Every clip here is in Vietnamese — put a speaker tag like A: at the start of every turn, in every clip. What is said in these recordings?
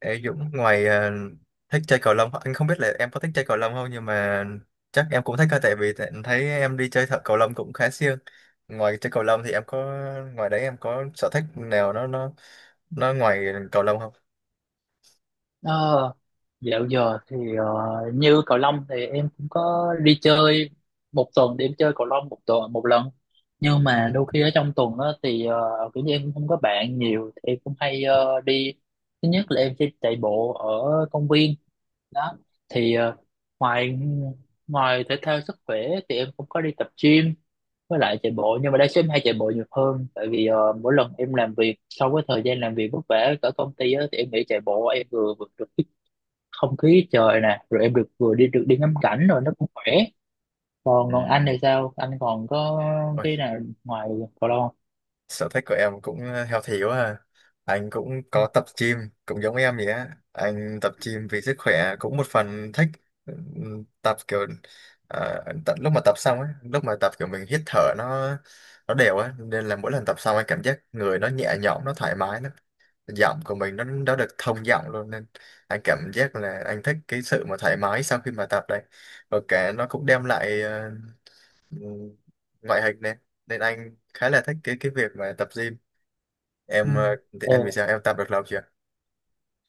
A: Ê Dũng, ngoài thích chơi cầu lông, anh không biết là em có thích chơi cầu lông không, nhưng mà chắc em cũng thích thôi, tại vì thấy em đi chơi thợ cầu lông cũng khá siêng. Ngoài chơi cầu lông thì em có, ngoài đấy em có sở thích nào nó ngoài cầu lông không?
B: Ờ, dạo giờ thì như cầu lông thì em cũng có đi chơi một tuần thì chơi cầu lông một tuần một lần, nhưng
A: Ừ.
B: mà đôi khi ở trong tuần á thì kiểu như em cũng không có bạn nhiều thì em cũng hay đi. Thứ nhất là em sẽ chạy bộ ở công viên đó, thì ngoài ngoài thể thao sức khỏe thì em cũng có đi tập gym với lại chạy bộ, nhưng mà đa số em hay chạy bộ nhiều hơn tại vì mỗi lần em làm việc sau cái thời gian làm việc vất vả ở công ty á, thì em nghĩ chạy bộ em vừa vừa được cái không khí trời nè, rồi em được vừa đi được đi ngắm cảnh rồi nó cũng khỏe. Còn còn
A: Ừ.
B: anh thì sao, anh còn có
A: Ôi,
B: cái nào ngoài cầu lông
A: sở thích của em cũng healthy quá à. Anh cũng có tập gym, cũng giống em vậy á, anh tập gym vì sức khỏe, cũng một phần thích. Tập kiểu tận lúc mà tập xong ấy, lúc mà tập kiểu mình hít thở nó đều á, nên là mỗi lần tập xong anh cảm giác người nó nhẹ nhõm, nó thoải mái, nó giọng của mình nó được thông giọng luôn, nên anh cảm giác là anh thích cái sự mà thoải mái sau khi mà tập đây, và cả nó cũng đem lại ừm, ngoại hình này, nên anh khá là thích cái việc mà tập gym. Em
B: không?
A: thì anh, vì
B: Ừ,
A: sao em tập được lâu chưa?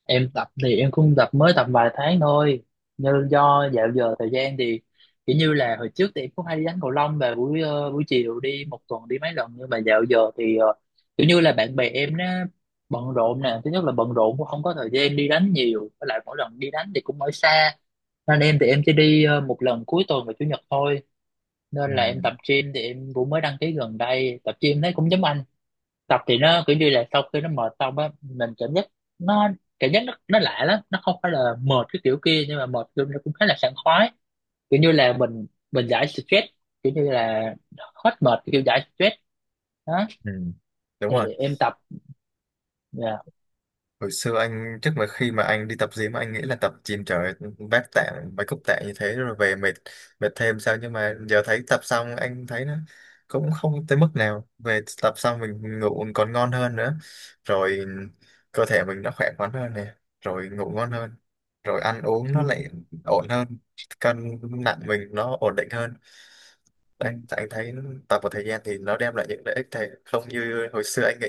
B: em tập thì em cũng tập mới tập vài tháng thôi, nhưng do dạo giờ thời gian thì kiểu như là hồi trước thì em cũng hay đi đánh cầu lông và buổi buổi chiều đi một tuần đi mấy lần, nhưng mà dạo giờ thì kiểu như là bạn bè em nó bận rộn nè, thứ nhất là bận rộn cũng không có thời gian đi đánh nhiều, với lại mỗi lần đi đánh thì cũng ở xa, nên em thì em chỉ đi một lần cuối tuần và chủ nhật thôi. Nên là em
A: Ừ.
B: tập gym thì em cũng mới đăng ký gần đây, tập gym thấy cũng giống anh. Tập thì nó kiểu như là sau khi nó mệt xong á mình cảm giác nó cảm giác nó lạ lắm, nó không phải là mệt cái kiểu kia nhưng mà mệt kiểu nó cũng khá là sảng khoái, kiểu như là mình giải stress, kiểu như là hết mệt kiểu giải stress đó,
A: Ừ. Đúng
B: thì
A: rồi.
B: em tập. Dạ.
A: Hồi xưa anh, trước mà khi mà anh đi tập gym anh nghĩ là tập gym trời, vác tạ, mấy cúc tạ như thế rồi về mệt, mệt thêm sao. Nhưng mà giờ thấy tập xong anh thấy nó cũng không tới mức nào, về tập xong mình ngủ còn ngon hơn nữa, rồi cơ thể mình nó khỏe khoắn hơn nè, rồi ngủ ngon hơn, rồi ăn uống
B: Ừ.
A: nó lại ổn hơn, cân nặng mình nó ổn định hơn.
B: Ừ.
A: Đấy, anh thấy tập một thời gian thì nó đem lại những lợi ích thầy không như hồi xưa anh nghĩ.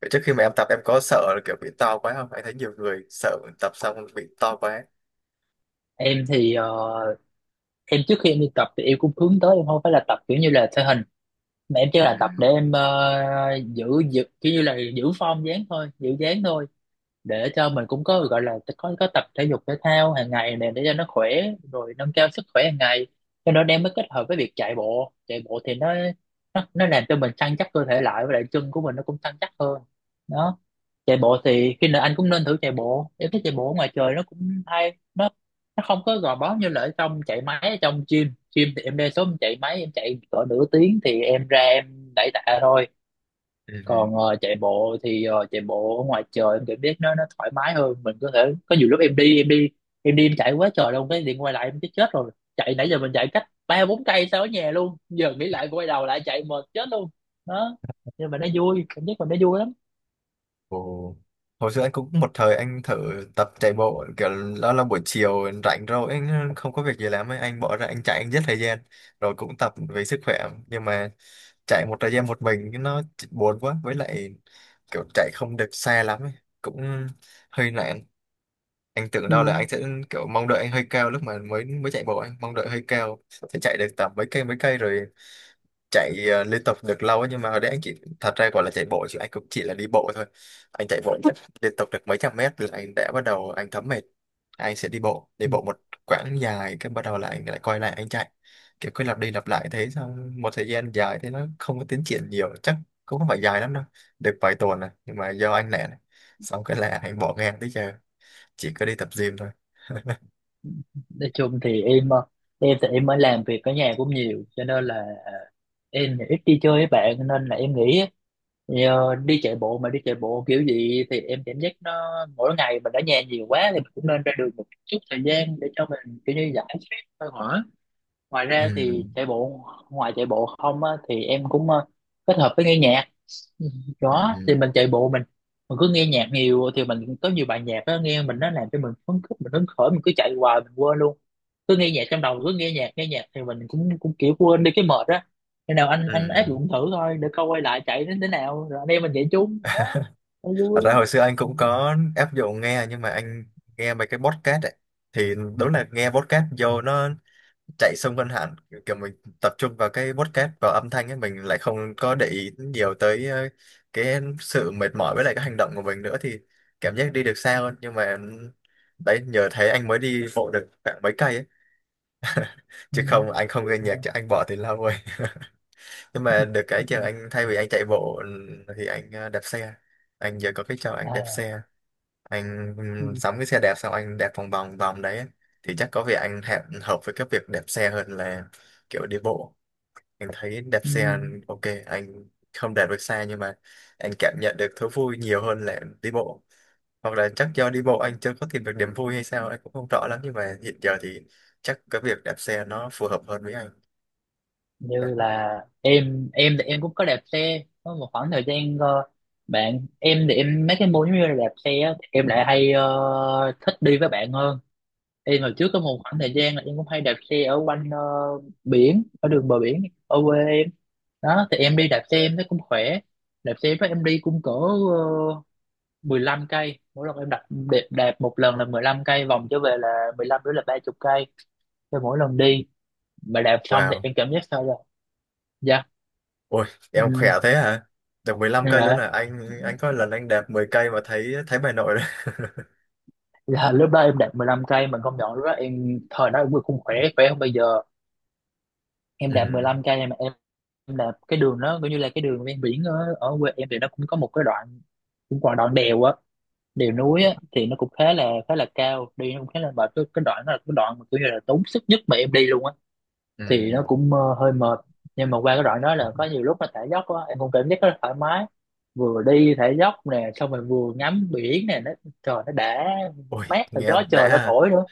A: Vậy trước khi mà em tập, em có sợ là kiểu bị to quá không? Anh thấy nhiều người sợ tập xong bị to quá.
B: Em thì em trước khi em đi tập thì em cũng hướng tới em không phải là tập kiểu như là thể hình, mà em chỉ
A: Ừ.
B: là tập để em giữ giữ kiểu như là giữ form dáng thôi, giữ dáng thôi, để cho mình cũng có gọi là có tập thể dục thể thao hàng ngày này, để cho nó khỏe rồi nâng cao sức khỏe hàng ngày. Cho nên em mới kết hợp với việc chạy bộ. Chạy bộ thì nó làm cho mình săn chắc cơ thể lại, với lại chân của mình nó cũng săn chắc hơn đó. Chạy bộ thì khi nào anh cũng nên thử chạy bộ, em thấy chạy bộ ở ngoài trời nó cũng hay, nó không có gò bó như là ở trong chạy máy ở trong gym. Gym thì em đa số em chạy máy, em chạy cỡ nửa tiếng thì em ra em đẩy tạ thôi.
A: Ừ.
B: Còn chạy bộ thì chạy bộ ở ngoài trời em cảm giác nó thoải mái hơn, mình có thể có nhiều lúc em đi em chạy quá trời luôn, cái điện quay lại em chết, chết rồi, chạy nãy giờ mình chạy cách ba bốn cây sau ở nhà luôn, giờ nghĩ lại quay đầu lại chạy mệt chết luôn đó. Nhưng mà nó vui, cảm giác mình nó vui lắm.
A: Ồ. Hồi xưa anh cũng một thời anh thử tập chạy bộ kiểu đó, là buổi chiều rảnh rồi anh không có việc gì làm ấy, anh bỏ ra anh chạy, anh giết thời gian, rồi cũng tập vì sức khỏe. Nhưng mà chạy một thời gian một mình cái nó buồn quá, với lại kiểu chạy không được xa lắm ấy, cũng hơi nản. Anh tưởng
B: Ừ.
A: đâu là anh sẽ kiểu, mong đợi anh hơi cao, lúc mà mới mới chạy bộ anh mong đợi hơi cao sẽ chạy được tầm mấy cây, mấy cây rồi chạy liên tục được lâu ấy. Nhưng mà hồi đấy anh chỉ, thật ra gọi là chạy bộ chứ anh cũng chỉ là đi bộ thôi. Anh chạy bộ chắc liên tục được mấy trăm mét là anh đã bắt đầu anh thấm mệt. Anh sẽ đi bộ đi
B: Ừ.
A: bộ một quãng dài, cái bắt đầu là anh lại quay lại anh chạy, kiểu cứ lặp đi lặp lại thế, xong một thời gian dài thế nó không có tiến triển nhiều, chắc cũng không phải dài lắm đâu, được vài tuần này, nhưng mà do anh lẻ này, xong cái là anh bỏ ngang tới giờ chỉ có đi tập gym thôi.
B: Nói chung thì em em thì em mới làm việc ở nhà cũng nhiều, cho nên là em thì ít đi chơi với bạn, nên là em nghĩ nhờ đi chạy bộ, mà đi chạy bộ kiểu gì thì em cảm giác nó mỗi ngày mình ở nhà nhiều quá thì mình cũng nên ra đường một chút thời gian để cho mình kiểu như giải stress thôi hả. Ngoài
A: Ừ.
B: ra thì chạy bộ, ngoài chạy bộ không á, thì em cũng kết hợp với nghe nhạc. Ừ, có
A: Ừ.
B: thì mình chạy bộ mình cứ nghe nhạc nhiều thì mình có nhiều bài nhạc đó nghe, mình nó làm cho mình phấn khích, mình hứng khởi mình cứ chạy hoài mình quên luôn, cứ nghe nhạc trong đầu, cứ nghe nhạc thì mình cũng cũng kiểu quên đi cái mệt á. Khi nào anh
A: Ừ.
B: áp dụng thử thôi để coi quay lại chạy đến thế nào, rồi anh em mình chạy chung đó cho
A: Thật
B: vui.
A: ra hồi xưa anh cũng có áp dụng nghe, nhưng mà anh nghe mấy cái podcast ấy, thì đúng là nghe podcast vô nó chạy xung quanh hẳn, kiểu mình tập trung vào cái podcast, vào âm thanh ấy mình lại không có để ý nhiều tới cái sự mệt mỏi với lại cái hành động của mình nữa, thì cảm giác đi được xa hơn. Nhưng mà đấy, nhờ thế anh mới đi bộ được khoảng mấy cây ấy.
B: Ừ.
A: Chứ không, anh không nghe
B: Ừ.
A: nhạc chứ anh bỏ thì lâu rồi. Nhưng mà được cái giờ, anh thay vì anh chạy bộ thì anh đạp xe. Anh giờ có cái trò anh đạp
B: À,
A: xe, anh
B: ừ.
A: sắm cái xe đạp xong anh đạp vòng vòng vòng đấy. Thì chắc có vẻ anh hẹp, hợp với cái việc đạp xe hơn là kiểu đi bộ. Anh thấy đạp
B: Ừ.
A: xe ok, anh không đạt được xa nhưng mà anh cảm nhận được thú vui nhiều hơn là đi bộ. Hoặc là chắc do đi bộ anh chưa có tìm được niềm vui hay sao, anh cũng không rõ lắm, nhưng mà hiện giờ thì chắc cái việc đạp xe nó phù hợp hơn với anh.
B: Như là em thì em cũng có đạp xe có một khoảng thời gian bạn em thì em mấy cái môn giống như là đạp xe á, thì em lại hay thích đi với bạn hơn. Em hồi trước có một khoảng thời gian là em cũng hay đạp xe ở quanh biển, ở đường bờ biển ở quê em đó, thì em đi đạp xe em thấy cũng khỏe. Đạp xe với em đi cũng cỡ 15 cây mỗi lần, em đạp đạp đạp một lần là 15 cây, vòng trở về là 15 nữa là 30 cây cho mỗi lần đi. Mà đạp xong thì
A: Wow.
B: em cảm giác sao rồi. Dạ.
A: Ôi, em khỏe
B: Ừ.
A: thế hả? Được mười lăm cây luôn à?
B: Dạ.
A: Anh có lần anh đạp 10 cây mà thấy thấy bà nội đấy.
B: Là lúc đó em đạp 15 cây, mình công nhận lúc đó em thời đó em không khỏe khỏe hơn bây giờ. Em đạp mười
A: Ừ.
B: lăm cây mà em đạp cái đường đó coi như là cái đường ven biển ở, ở quê em thì nó cũng có một cái đoạn, cũng còn đoạn đèo á, đèo núi á, thì nó cũng khá là cao đi, nó cũng khá là mệt. Cái đoạn đó là cái đoạn mà kiểu như là tốn sức nhất mà em đi luôn á,
A: Ừ.
B: thì nó cũng hơi mệt. Nhưng mà qua cái đoạn đó là có nhiều lúc mà thả dốc á em cũng cảm giác rất là thoải mái, vừa đi thả dốc nè xong rồi vừa ngắm biển nè, trời nó đã
A: Ôi,
B: mát rồi
A: nghe
B: gió
A: đã
B: trời nó
A: ha.
B: thổi nữa.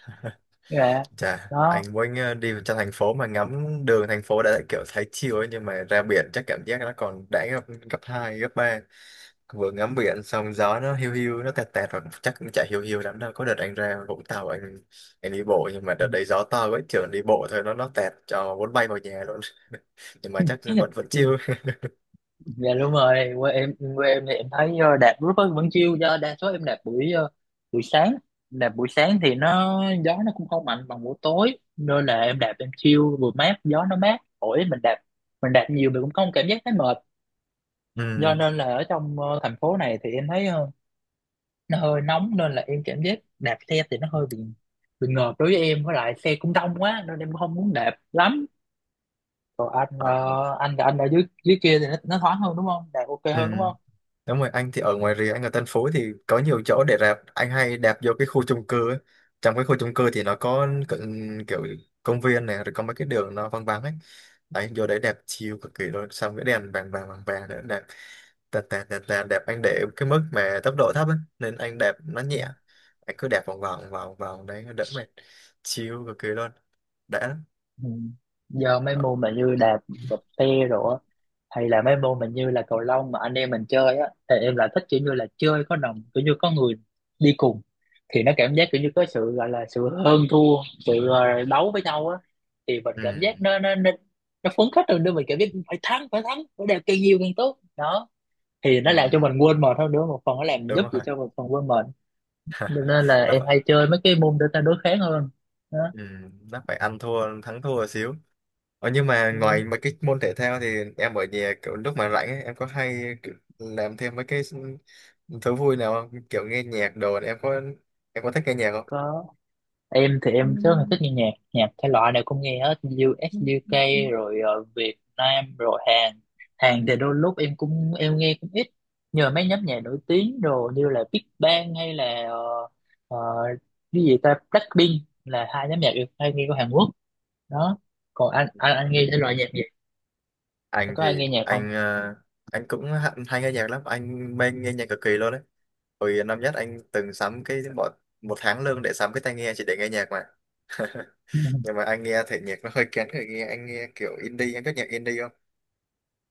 B: Dạ.
A: Chà, anh
B: Đó.
A: muốn đi trong thành phố mà ngắm đường thành phố đã kiểu thấy chill ấy, nhưng mà ra biển chắc cảm giác nó còn đã gấp gấp 2 gấp ba. Vừa ngắm biển xong gió nó hiu hiu, nó tẹt tẹt rồi, chắc cũng chả hiu hiu lắm đâu. Có đợt anh ra Vũng Tàu, anh đi bộ nhưng mà đợt đấy gió to quá trường, đi bộ thôi nó tẹt cho muốn bay vào nhà luôn. Nhưng mà chắc vẫn vẫn chill.
B: Ừ. Dạ đúng rồi, quê em, quê em thì em thấy đạp rất là vẫn chiêu, do đa số em đạp buổi buổi sáng. Đạp buổi sáng thì nó gió nó cũng không mạnh bằng buổi tối, nên là em đạp em chiêu vừa mát, gió nó mát thổi mình đạp, nhiều mình cũng không cảm giác thấy mệt. Do
A: Ừ.
B: nên là ở trong thành phố này thì em thấy nó hơi nóng, nên là em cảm giác đạp xe thì nó hơi bị ngợp đối với em, với lại xe cũng đông quá nên em không muốn đạp lắm. Còn anh,
A: Ờ.
B: anh ở dưới dưới kia thì nó thoáng hơn đúng không? Đạt ok
A: Ừ.
B: hơn đúng không?
A: Đúng rồi, anh thì ở ngoài rìa, anh ở Tân Phú thì có nhiều chỗ để đạp. Anh hay đạp vô cái khu chung cư ấy. Trong cái khu chung cư thì nó có kiểu công viên này, rồi có mấy cái đường nó vắng vắng ấy. Đấy, vô đấy đẹp chill cực kỳ luôn. Xong cái đèn vàng vàng vàng vàng nữa, đẹp. Tạt tạt tạt tạt, đẹp. Anh để cái mức mà tốc độ thấp ấy. Nên anh đẹp nó
B: Ừ.
A: nhẹ. Anh cứ đẹp vòng vòng vòng vòng đấy, đỡ mệt. Chill cực kỳ luôn. Đã lắm.
B: Ừ. Giờ mấy
A: Ờ.
B: môn mà như đạp đạp xe rồi á, hay là mấy môn mà như là cầu lông mà anh em mình chơi á, thì em lại thích kiểu như là chơi có đồng, kiểu như có người đi cùng, thì nó cảm giác kiểu như có sự gọi là sự hơn thua, sự đấu với nhau á, thì mình
A: Ừ.
B: cảm giác nó phấn khích hơn nữa, mình cảm giác phải thắng, phải thắng phải đẹp càng nhiều càng tốt đó, thì
A: Ừ.
B: nó làm cho mình quên mệt hơn nữa, một phần nó làm
A: Đúng
B: giúp gì
A: rồi.
B: cho một phần quên mệt. Cho nên là
A: Nó
B: em
A: phải.
B: hay chơi mấy cái môn để ta đối kháng hơn đó.
A: Ừ, nó phải ăn thua thắng thua xíu. Ờ, nhưng mà
B: Ừ,
A: ngoài mấy cái môn thể thao thì em ở nhà kiểu lúc mà rảnh ấy, em có hay kiểu làm thêm mấy cái thú vui nào không, kiểu nghe nhạc đồ, em có thích nghe nhạc không?
B: có, em thì em rất là thích nghe nhạc, nhạc thể loại nào cũng nghe hết. US UK rồi Việt Nam rồi Hàn. Hàn thì đôi lúc em cũng em nghe cũng ít, nhờ mấy nhóm nhạc nổi tiếng rồi như là Big Bang hay là ờ, cái gì ta, Blackpink, là hai nhóm nhạc em hay nghe của Hàn Quốc đó. Còn anh, anh nghe thể loại nhạc gì,
A: Anh
B: có ai
A: thì
B: nghe nhạc
A: anh anh cũng hay nghe nhạc lắm, anh mê nghe nhạc cực kỳ luôn đấy. Hồi năm nhất anh từng sắm cái bọn một tháng lương để sắm cái tai nghe chỉ để nghe nhạc mà.
B: không?
A: Nhưng mà anh nghe thể nhạc nó hơi kén người nghe, anh nghe kiểu indie, anh có nhạc indie không?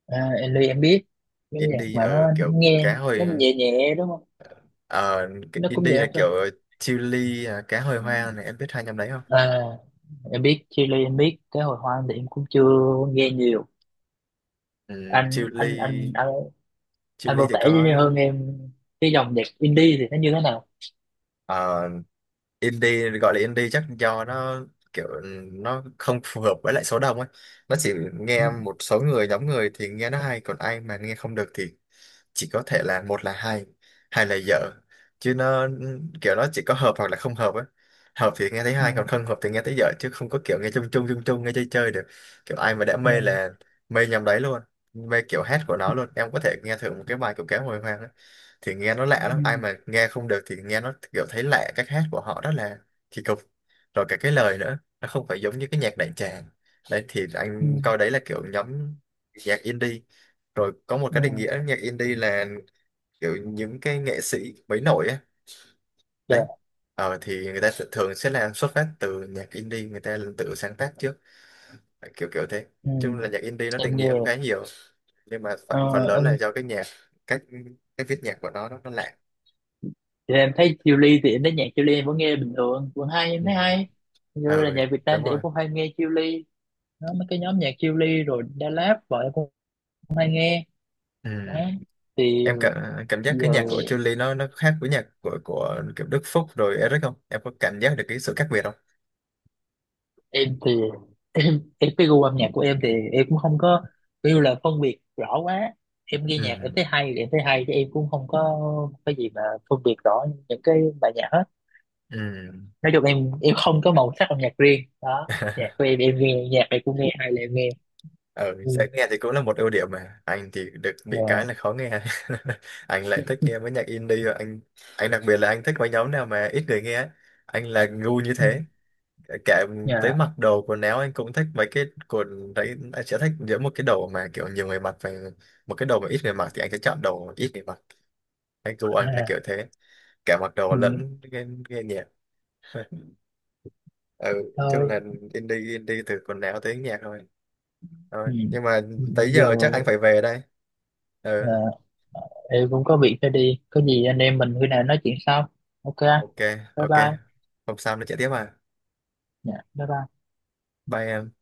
B: À, Ellie em biết, cái nhạc
A: Indie,
B: mà nó
A: ừ, kiểu
B: nghe
A: cá
B: nó
A: hồi.
B: nhẹ nhẹ đúng không,
A: Ờ, cái
B: nó cũng
A: indie
B: nhẹ
A: là
B: không sao.
A: kiểu, chili à, cá hồi hoang này, em biết hai nhóm đấy không?
B: À, em biết Chile, em biết cái hồi hoang thì em cũng chưa nghe nhiều.
A: Ừ,
B: anh anh anh
A: chili
B: anh, anh
A: chili
B: vô
A: thì
B: tể
A: có.
B: với hơn em, cái dòng nhạc indie thì nó như thế nào?
A: Indie, gọi là indie chắc do nó kiểu nó không phù hợp với lại số đông ấy, nó chỉ
B: Ừ,
A: nghe một số người, nhóm người thì nghe nó hay, còn ai mà nghe không được thì chỉ có thể là một là hay, hai là dở, chứ nó kiểu nó chỉ có hợp hoặc là không hợp ấy, hợp thì nghe thấy
B: ừ,
A: hay, còn không hợp thì nghe thấy dở, chứ không có kiểu nghe chung chung chung chung, nghe chơi chơi được. Kiểu ai mà đã
B: ừ,
A: mê là mê nhầm đấy luôn, mê kiểu hát của nó luôn. Em có thể nghe thử một cái bài của Kéo Hồi Hoang ấy, thì nghe nó lạ lắm, ai mà nghe không được thì nghe nó kiểu thấy lạ, cách hát của họ rất là kỳ cục, rồi cả cái lời nữa nó không phải giống như cái nhạc đại tràng. Đấy thì
B: ừ,
A: anh coi đấy là kiểu nhóm nhạc indie. Rồi có một
B: ừ,
A: cái định
B: ừ.
A: nghĩa nhạc indie là kiểu những cái nghệ sĩ mới nổi á. Đấy,
B: Dạ,
A: thì người ta thường sẽ là xuất phát từ nhạc indie, người ta tự sáng tác trước, kiểu kiểu thế.
B: ừ.
A: Chung là nhạc indie nó
B: Em
A: định nghĩa
B: nghe,
A: cũng khá nhiều, nhưng mà
B: ờ,
A: phần phần lớn là
B: em
A: do cái nhạc, cách cách viết nhạc của nó nó lạ.
B: thì em thấy Chile, thì em thấy nhạc Chile em vẫn nghe bình thường, vẫn hay, em
A: Ừ.
B: thấy hay. Như
A: Ừ,
B: là nhạc Việt Nam
A: đúng
B: thì em
A: rồi.
B: cũng hay nghe Chile đó, mấy cái nhóm nhạc Chillies rồi Da Lab vợ em cũng hay nghe
A: Ừ.
B: đó. Thì
A: Em cảm cảm giác
B: giờ
A: cái nhạc của Chun-Li nó khác với nhạc của kiểu Đức Phúc rồi Eric không, em có cảm giác được cái sự khác biệt không?
B: em thì em cái gu âm nhạc của em thì em cũng không có kêu là phân biệt rõ quá, em nghe nhạc em
A: Ừ.
B: thấy hay thì em thấy hay chứ em cũng không có cái gì mà phân biệt rõ những cái bài nhạc hết.
A: Ừ.
B: Nói chung em không có màu sắc âm nhạc riêng đó, nhạc của em nghe nhạc này cũng nghe hay, là em nghe.
A: Ừ,
B: Ừ.
A: dễ nghe thì cũng là một ưu điểm, mà anh thì được, bị cái là
B: Dạ.
A: khó nghe. Anh lại thích nghe mấy nhạc indie, và anh đặc biệt là anh thích mấy nhóm nào mà ít người nghe ấy. Anh là ngu như
B: Ừ.
A: thế, kể tới
B: Dạ.
A: mặc đồ quần áo anh cũng thích mấy cái quần đấy, anh sẽ thích giữa một cái đồ mà kiểu nhiều người mặc và một cái đồ mà ít người mặc, thì anh sẽ chọn đồ ít người mặc. Anh du, anh là kiểu
B: À.
A: thế, cả mặc đồ
B: Ừ.
A: lẫn nghe nhạc. Ừ, chung
B: Thôi.
A: là indie, indie từ quần áo tới nhạc thôi
B: Ừ.
A: thôi Nhưng mà
B: Ừ.
A: tới
B: Giờ
A: giờ chắc anh phải về đây.
B: Ờ,
A: Ừ.
B: ờ, em cũng có việc phải đi, có gì anh em mình khi nào nói chuyện sau. Ok.
A: Ok.
B: Bye
A: Ok,
B: bye.
A: hôm sau nó chạy tiếp à?
B: Dạ bye bye.
A: Bye em.